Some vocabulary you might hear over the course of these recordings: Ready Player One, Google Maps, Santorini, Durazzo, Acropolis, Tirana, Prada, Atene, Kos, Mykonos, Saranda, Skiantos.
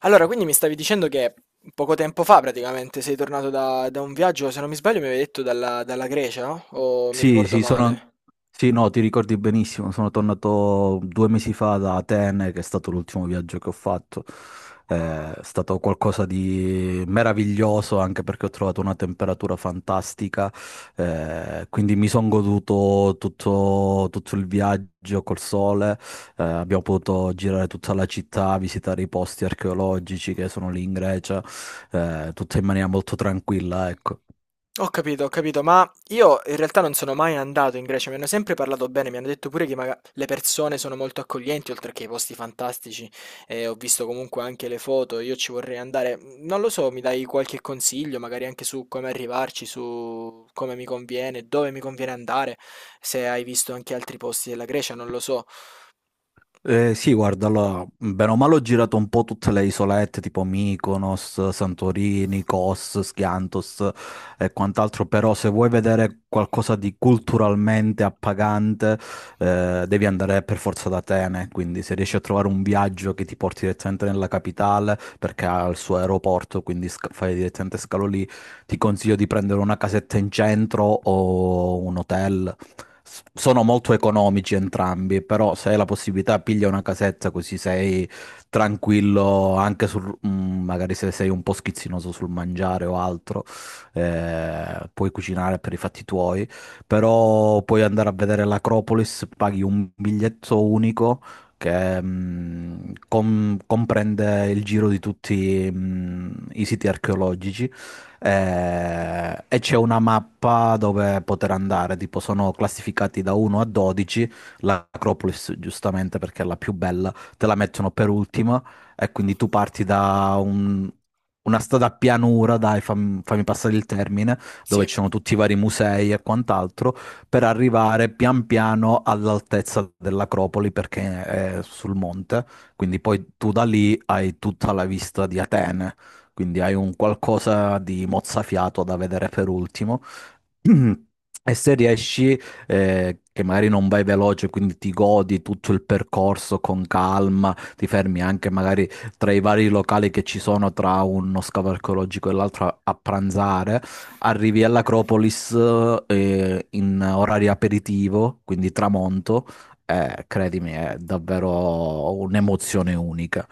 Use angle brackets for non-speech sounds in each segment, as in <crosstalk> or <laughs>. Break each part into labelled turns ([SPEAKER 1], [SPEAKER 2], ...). [SPEAKER 1] Allora, quindi mi stavi dicendo che poco tempo fa praticamente sei tornato da un viaggio, se non mi sbaglio mi avevi detto dalla Grecia, no? O mi
[SPEAKER 2] Sì,
[SPEAKER 1] ricordo
[SPEAKER 2] sì.
[SPEAKER 1] male?
[SPEAKER 2] Sì, no, ti ricordi benissimo, sono tornato 2 mesi fa da Atene, che è stato l'ultimo viaggio che ho fatto. È stato qualcosa di meraviglioso anche perché ho trovato una temperatura fantastica. Quindi mi sono goduto tutto il viaggio col sole. Abbiamo potuto girare tutta la città, visitare i posti archeologici che sono lì in Grecia, tutto in maniera molto tranquilla, ecco.
[SPEAKER 1] Ho capito, ma io in realtà non sono mai andato in Grecia, mi hanno sempre parlato bene, mi hanno detto pure che le persone sono molto accoglienti, oltre che i posti fantastici, e ho visto comunque anche le foto, io ci vorrei andare. Non lo so, mi dai qualche consiglio, magari anche su come arrivarci, su come mi conviene, dove mi conviene andare, se hai visto anche altri posti della Grecia, non lo so.
[SPEAKER 2] Sì, guarda, allora, bene o male ho girato un po' tutte le isolette tipo Mykonos, Santorini, Kos, Skiantos e quant'altro, però se vuoi vedere qualcosa di culturalmente appagante, devi andare per forza ad Atene, quindi se riesci a trovare un viaggio che ti porti direttamente nella capitale, perché ha il suo aeroporto, quindi fai direttamente scalo lì. Ti consiglio di prendere una casetta in centro o un hotel, sono molto economici entrambi, però se hai la possibilità piglia una casetta così sei tranquillo anche sul, magari se sei un po' schizzinoso sul mangiare o altro. Puoi cucinare per i fatti tuoi, però puoi andare a vedere l'Acropolis. Paghi un biglietto unico che comprende il giro di tutti i siti archeologici, e c'è una mappa dove poter andare, tipo sono classificati da 1 a 12. L'Acropolis, giustamente perché è la più bella, te la mettono per ultima, e quindi tu parti da una strada a pianura, dai, fammi passare il termine,
[SPEAKER 1] Sì.
[SPEAKER 2] dove ci sono tutti i vari musei e quant'altro, per arrivare pian piano all'altezza dell'Acropoli perché è sul monte, quindi poi tu da lì hai tutta la vista di Atene, quindi hai un qualcosa di mozzafiato da vedere per ultimo. <clears throat> E se riesci, che magari non vai veloce, quindi ti godi tutto il percorso con calma, ti fermi anche magari tra i vari locali che ci sono tra uno scavo archeologico e l'altro a pranzare, arrivi all'Acropolis, in orario aperitivo, quindi tramonto. Credimi, è davvero un'emozione unica.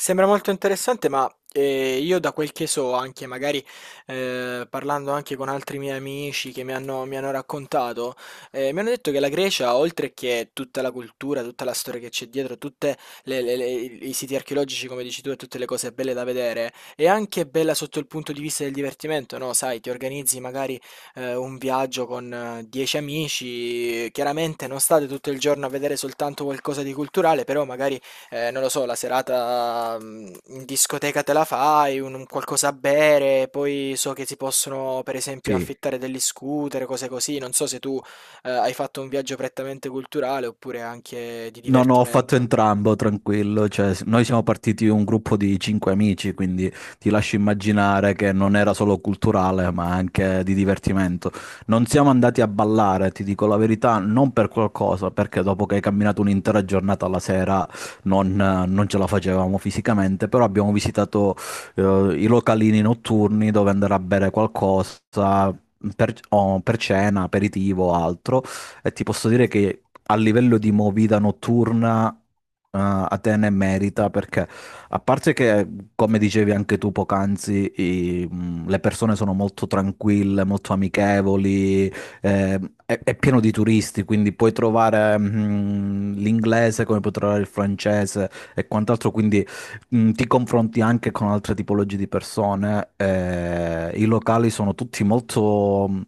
[SPEAKER 1] Sembra molto interessante, ma io da quel che so, anche magari parlando anche con altri miei amici che mi hanno raccontato, mi hanno detto che la Grecia, oltre che tutta la cultura, tutta la storia che c'è dietro, tutti i siti archeologici, come dici tu, e tutte le cose belle da vedere, è anche bella sotto il punto di vista del divertimento, no? Sai, ti organizzi magari un viaggio con 10 amici, chiaramente non state tutto il giorno a vedere soltanto qualcosa di culturale, però magari non lo so, la serata in discoteca te la fai, un qualcosa a bere, poi so che si possono per esempio
[SPEAKER 2] Sì.
[SPEAKER 1] affittare degli scooter, cose così. Non so se tu hai fatto un viaggio prettamente culturale oppure anche di
[SPEAKER 2] No, no, ho fatto
[SPEAKER 1] divertimento.
[SPEAKER 2] entrambo, tranquillo. Cioè, noi siamo partiti un gruppo di cinque amici, quindi ti lascio immaginare che non era solo culturale, ma anche di divertimento. Non siamo andati a ballare, ti dico la verità, non per qualcosa, perché dopo che hai camminato un'intera giornata alla sera non ce la facevamo fisicamente, però abbiamo visitato eh, i localini notturni dove andare a bere qualcosa. Per, o per cena, aperitivo o altro, e ti posso dire che a livello di movida notturna, Atene merita, perché, a parte che, come dicevi anche tu poc'anzi, le persone sono molto tranquille, molto amichevoli. eh, è pieno di turisti, quindi puoi trovare, l'inglese come puoi trovare il francese e quant'altro, quindi, ti confronti anche con altre tipologie di persone. I locali sono tutti molto. mm,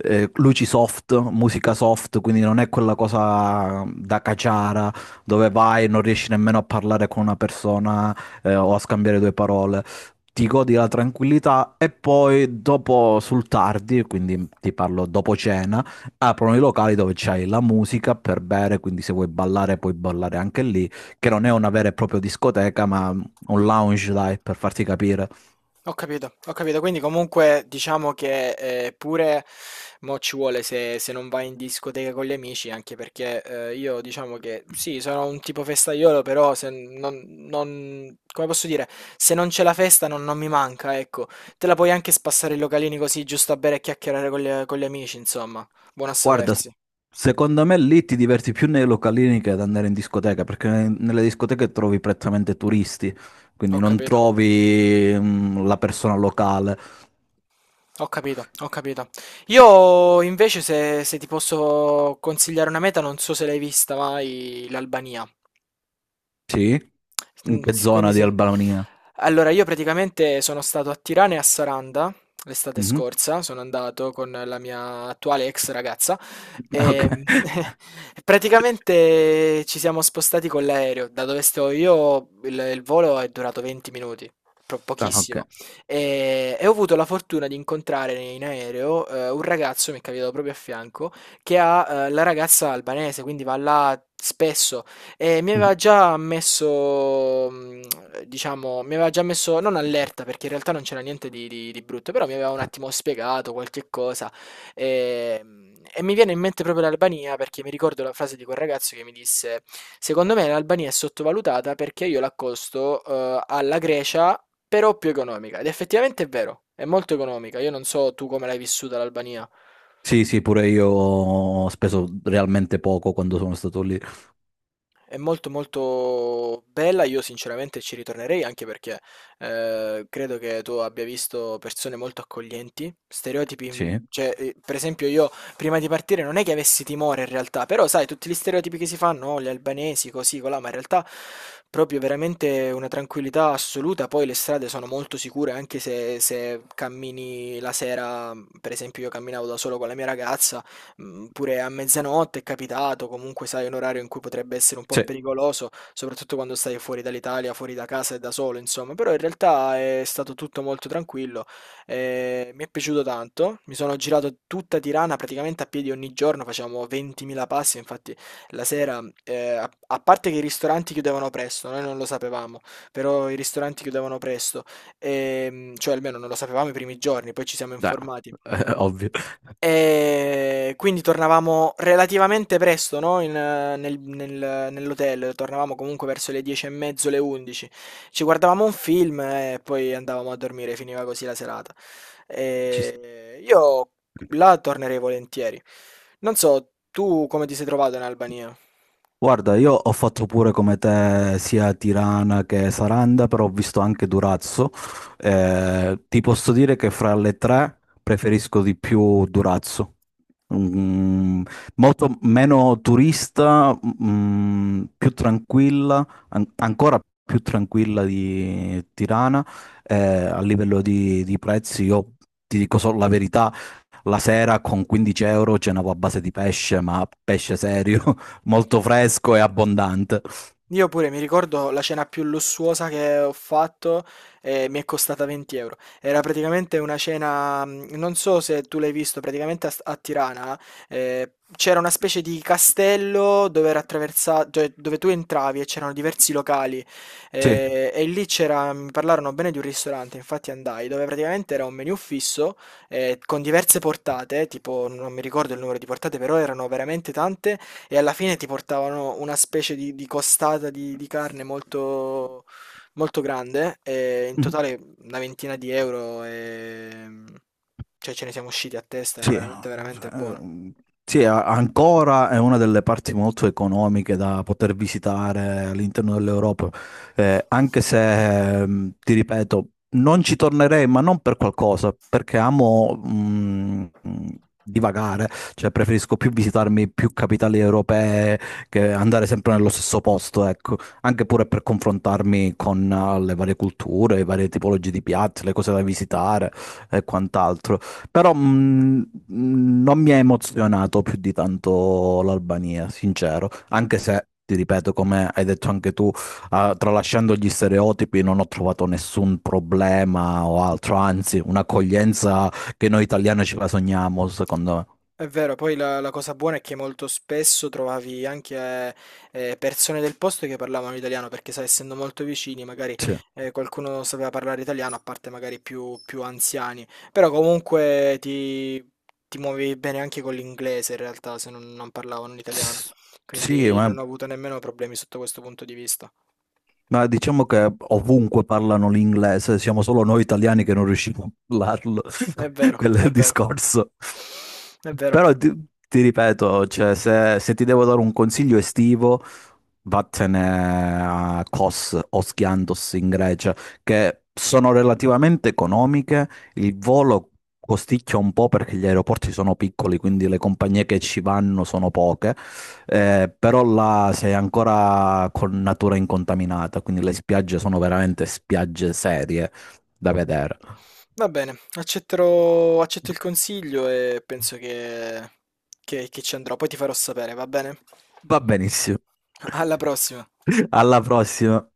[SPEAKER 2] eh, luci soft, musica soft, quindi non è quella cosa da caciara dove vai e non riesci nemmeno a parlare con una persona, o a scambiare due parole. Ti godi la tranquillità e poi dopo sul tardi, quindi ti parlo dopo cena, aprono i locali dove c'hai la musica per bere, quindi se vuoi ballare puoi ballare anche lì, che non è una vera e propria discoteca, ma un lounge, dai, per farti capire.
[SPEAKER 1] Ho capito, ho capito. Quindi comunque diciamo che pure mo ci vuole se non vai in discoteca con gli amici, anche perché io diciamo che sì, sono un tipo festaiolo, però se non, non- come posso dire, se non c'è la festa non mi manca, ecco. Te la puoi anche spassare i localini così, giusto a bere e chiacchierare con gli amici, insomma. Buono a
[SPEAKER 2] Guarda,
[SPEAKER 1] sapersi.
[SPEAKER 2] secondo me lì ti diverti più nei localini che ad andare in discoteca, perché nelle discoteche trovi prettamente turisti, quindi
[SPEAKER 1] Ho
[SPEAKER 2] non
[SPEAKER 1] capito,
[SPEAKER 2] trovi la persona locale.
[SPEAKER 1] ho capito, ho capito. Io invece se ti posso consigliare una meta, non so se l'hai vista mai, l'Albania.
[SPEAKER 2] Sì? In
[SPEAKER 1] Mhmm.
[SPEAKER 2] che
[SPEAKER 1] S quindi
[SPEAKER 2] zona di
[SPEAKER 1] se
[SPEAKER 2] Albania?
[SPEAKER 1] Allora io praticamente sono stato a Tirana e a Saranda l'estate
[SPEAKER 2] Mhm.
[SPEAKER 1] scorsa, sono andato con la mia attuale ex ragazza,
[SPEAKER 2] <laughs> Ok.
[SPEAKER 1] e <laughs> praticamente ci siamo spostati con l'aereo. Da dove sto io il volo è durato 20 minuti, pro
[SPEAKER 2] Ah, ok.
[SPEAKER 1] pochissimo, e ho avuto la fortuna di incontrare in aereo, un ragazzo, mi è capitato proprio a fianco, che ha, la ragazza albanese, quindi va là spesso e mi aveva
[SPEAKER 2] Mhm.
[SPEAKER 1] già messo, diciamo, mi aveva già messo, non allerta perché in realtà non c'era niente di brutto, però mi aveva un attimo spiegato qualche cosa e, e mi viene in mente proprio l'Albania perché mi ricordo la frase di quel ragazzo che mi disse, secondo me l'Albania è sottovalutata perché io l'accosto, alla Grecia, però più economica ed effettivamente è vero, è molto economica, io non so tu come l'hai vissuta l'Albania.
[SPEAKER 2] Sì, sì, pure io ho speso realmente poco quando sono stato lì.
[SPEAKER 1] È molto molto bella, io sinceramente ci ritornerei anche perché credo che tu abbia visto persone molto accoglienti, stereotipi,
[SPEAKER 2] Sì?
[SPEAKER 1] cioè per esempio io prima di partire non è che avessi timore in realtà, però sai tutti gli stereotipi che si fanno, oh, gli albanesi così, colà, ma in realtà proprio veramente una tranquillità assoluta, poi le strade sono molto sicure anche se cammini la sera, per esempio io camminavo da solo con la mia ragazza, mhmm, pure a mezzanotte è capitato, comunque sai un orario in cui potrebbe essere un po'
[SPEAKER 2] Sì,
[SPEAKER 1] pericoloso, soprattutto quando stai fuori dall'Italia, fuori da casa e da solo insomma, però in realtà è stato tutto molto tranquillo, mi è piaciuto tanto. Mi sono girato tutta Tirana praticamente a piedi ogni giorno, facevamo 20.000 passi, infatti la sera, a parte che i ristoranti chiudevano presto, noi non lo sapevamo, però i ristoranti chiudevano presto, cioè almeno non lo sapevamo i primi giorni, poi ci siamo
[SPEAKER 2] dai,
[SPEAKER 1] informati.
[SPEAKER 2] <laughs> ovvio.
[SPEAKER 1] E quindi tornavamo relativamente presto, no, nell'hotel, tornavamo comunque verso le 10 e mezzo, le 11. Ci guardavamo un film e poi andavamo a dormire, finiva così la serata.
[SPEAKER 2] Ci sta.
[SPEAKER 1] E io là tornerei volentieri. Non so, tu come ti sei trovato in Albania?
[SPEAKER 2] Guarda, io ho fatto pure come te sia Tirana che Saranda, però ho visto anche Durazzo. Ti posso dire che fra le tre preferisco di più Durazzo. Mm, molto meno turista, più tranquilla, ancora più tranquilla di Tirana. A livello di, prezzi, io ti dico solo la verità, la sera con 15 euro cenavo a base di pesce, ma pesce serio, <laughs> molto fresco e abbondante.
[SPEAKER 1] Io pure mi ricordo la cena più lussuosa che ho fatto e mi è costata 20 euro. Era praticamente una cena, non so se tu l'hai visto, praticamente a Tirana c'era una specie di castello dove era attraversato, cioè, dove tu entravi e c'erano diversi locali
[SPEAKER 2] Sì.
[SPEAKER 1] e lì c'era, mi parlarono bene di un ristorante, infatti andai, dove praticamente era un menù fisso con diverse portate, tipo non mi ricordo il numero di portate, però erano veramente tante e alla fine ti portavano una specie di costata di carne molto, molto grande, e in
[SPEAKER 2] Mhm.
[SPEAKER 1] totale una ventina di euro, cioè ce ne siamo usciti a testa, era
[SPEAKER 2] Sì,
[SPEAKER 1] veramente veramente buono.
[SPEAKER 2] sì, ancora è una delle parti molto economiche da poter visitare all'interno dell'Europa. Anche se, ti ripeto, non ci tornerei, ma non per qualcosa, perché amo, divagare, cioè preferisco più visitarmi più capitali europee che andare sempre nello stesso posto, ecco, anche pure per confrontarmi con le varie culture, le varie tipologie di piatti, le cose da visitare e quant'altro. Però non mi ha emozionato più di tanto l'Albania, sincero, anche se, ti ripeto, come hai detto anche tu, ah, tralasciando gli stereotipi, non ho trovato nessun problema o altro, anzi, un'accoglienza che noi italiani ce la sogniamo, secondo me.
[SPEAKER 1] È vero, poi la cosa buona è che molto spesso trovavi anche persone del posto che parlavano italiano, perché sai, essendo molto vicini, magari
[SPEAKER 2] Sì,
[SPEAKER 1] qualcuno sapeva parlare italiano, a parte magari più anziani, però comunque ti muovevi bene anche con l'inglese in realtà, se non parlavano l'italiano,
[SPEAKER 2] S- sì,
[SPEAKER 1] quindi
[SPEAKER 2] ma,
[SPEAKER 1] non ho avuto nemmeno problemi sotto questo punto di vista.
[SPEAKER 2] ma diciamo che ovunque parlano l'inglese, siamo solo noi italiani che non riusciamo a parlarlo,
[SPEAKER 1] È
[SPEAKER 2] <laughs>
[SPEAKER 1] vero,
[SPEAKER 2] quello è
[SPEAKER 1] è
[SPEAKER 2] il
[SPEAKER 1] vero.
[SPEAKER 2] discorso.
[SPEAKER 1] È vero.
[SPEAKER 2] Però ti ripeto, cioè, se ti devo dare un consiglio estivo... Vattene a Kos o Skiantos in Grecia, che sono relativamente economiche. Il volo costicchia un po' perché gli aeroporti sono piccoli, quindi le compagnie che ci vanno sono poche. Però là sei ancora con natura incontaminata, quindi le spiagge sono veramente spiagge serie da vedere.
[SPEAKER 1] Va bene, accetterò, accetto il consiglio e penso che, che ci andrò. Poi ti farò sapere, va bene?
[SPEAKER 2] Va benissimo.
[SPEAKER 1] Alla prossima.
[SPEAKER 2] <laughs> Alla prossima.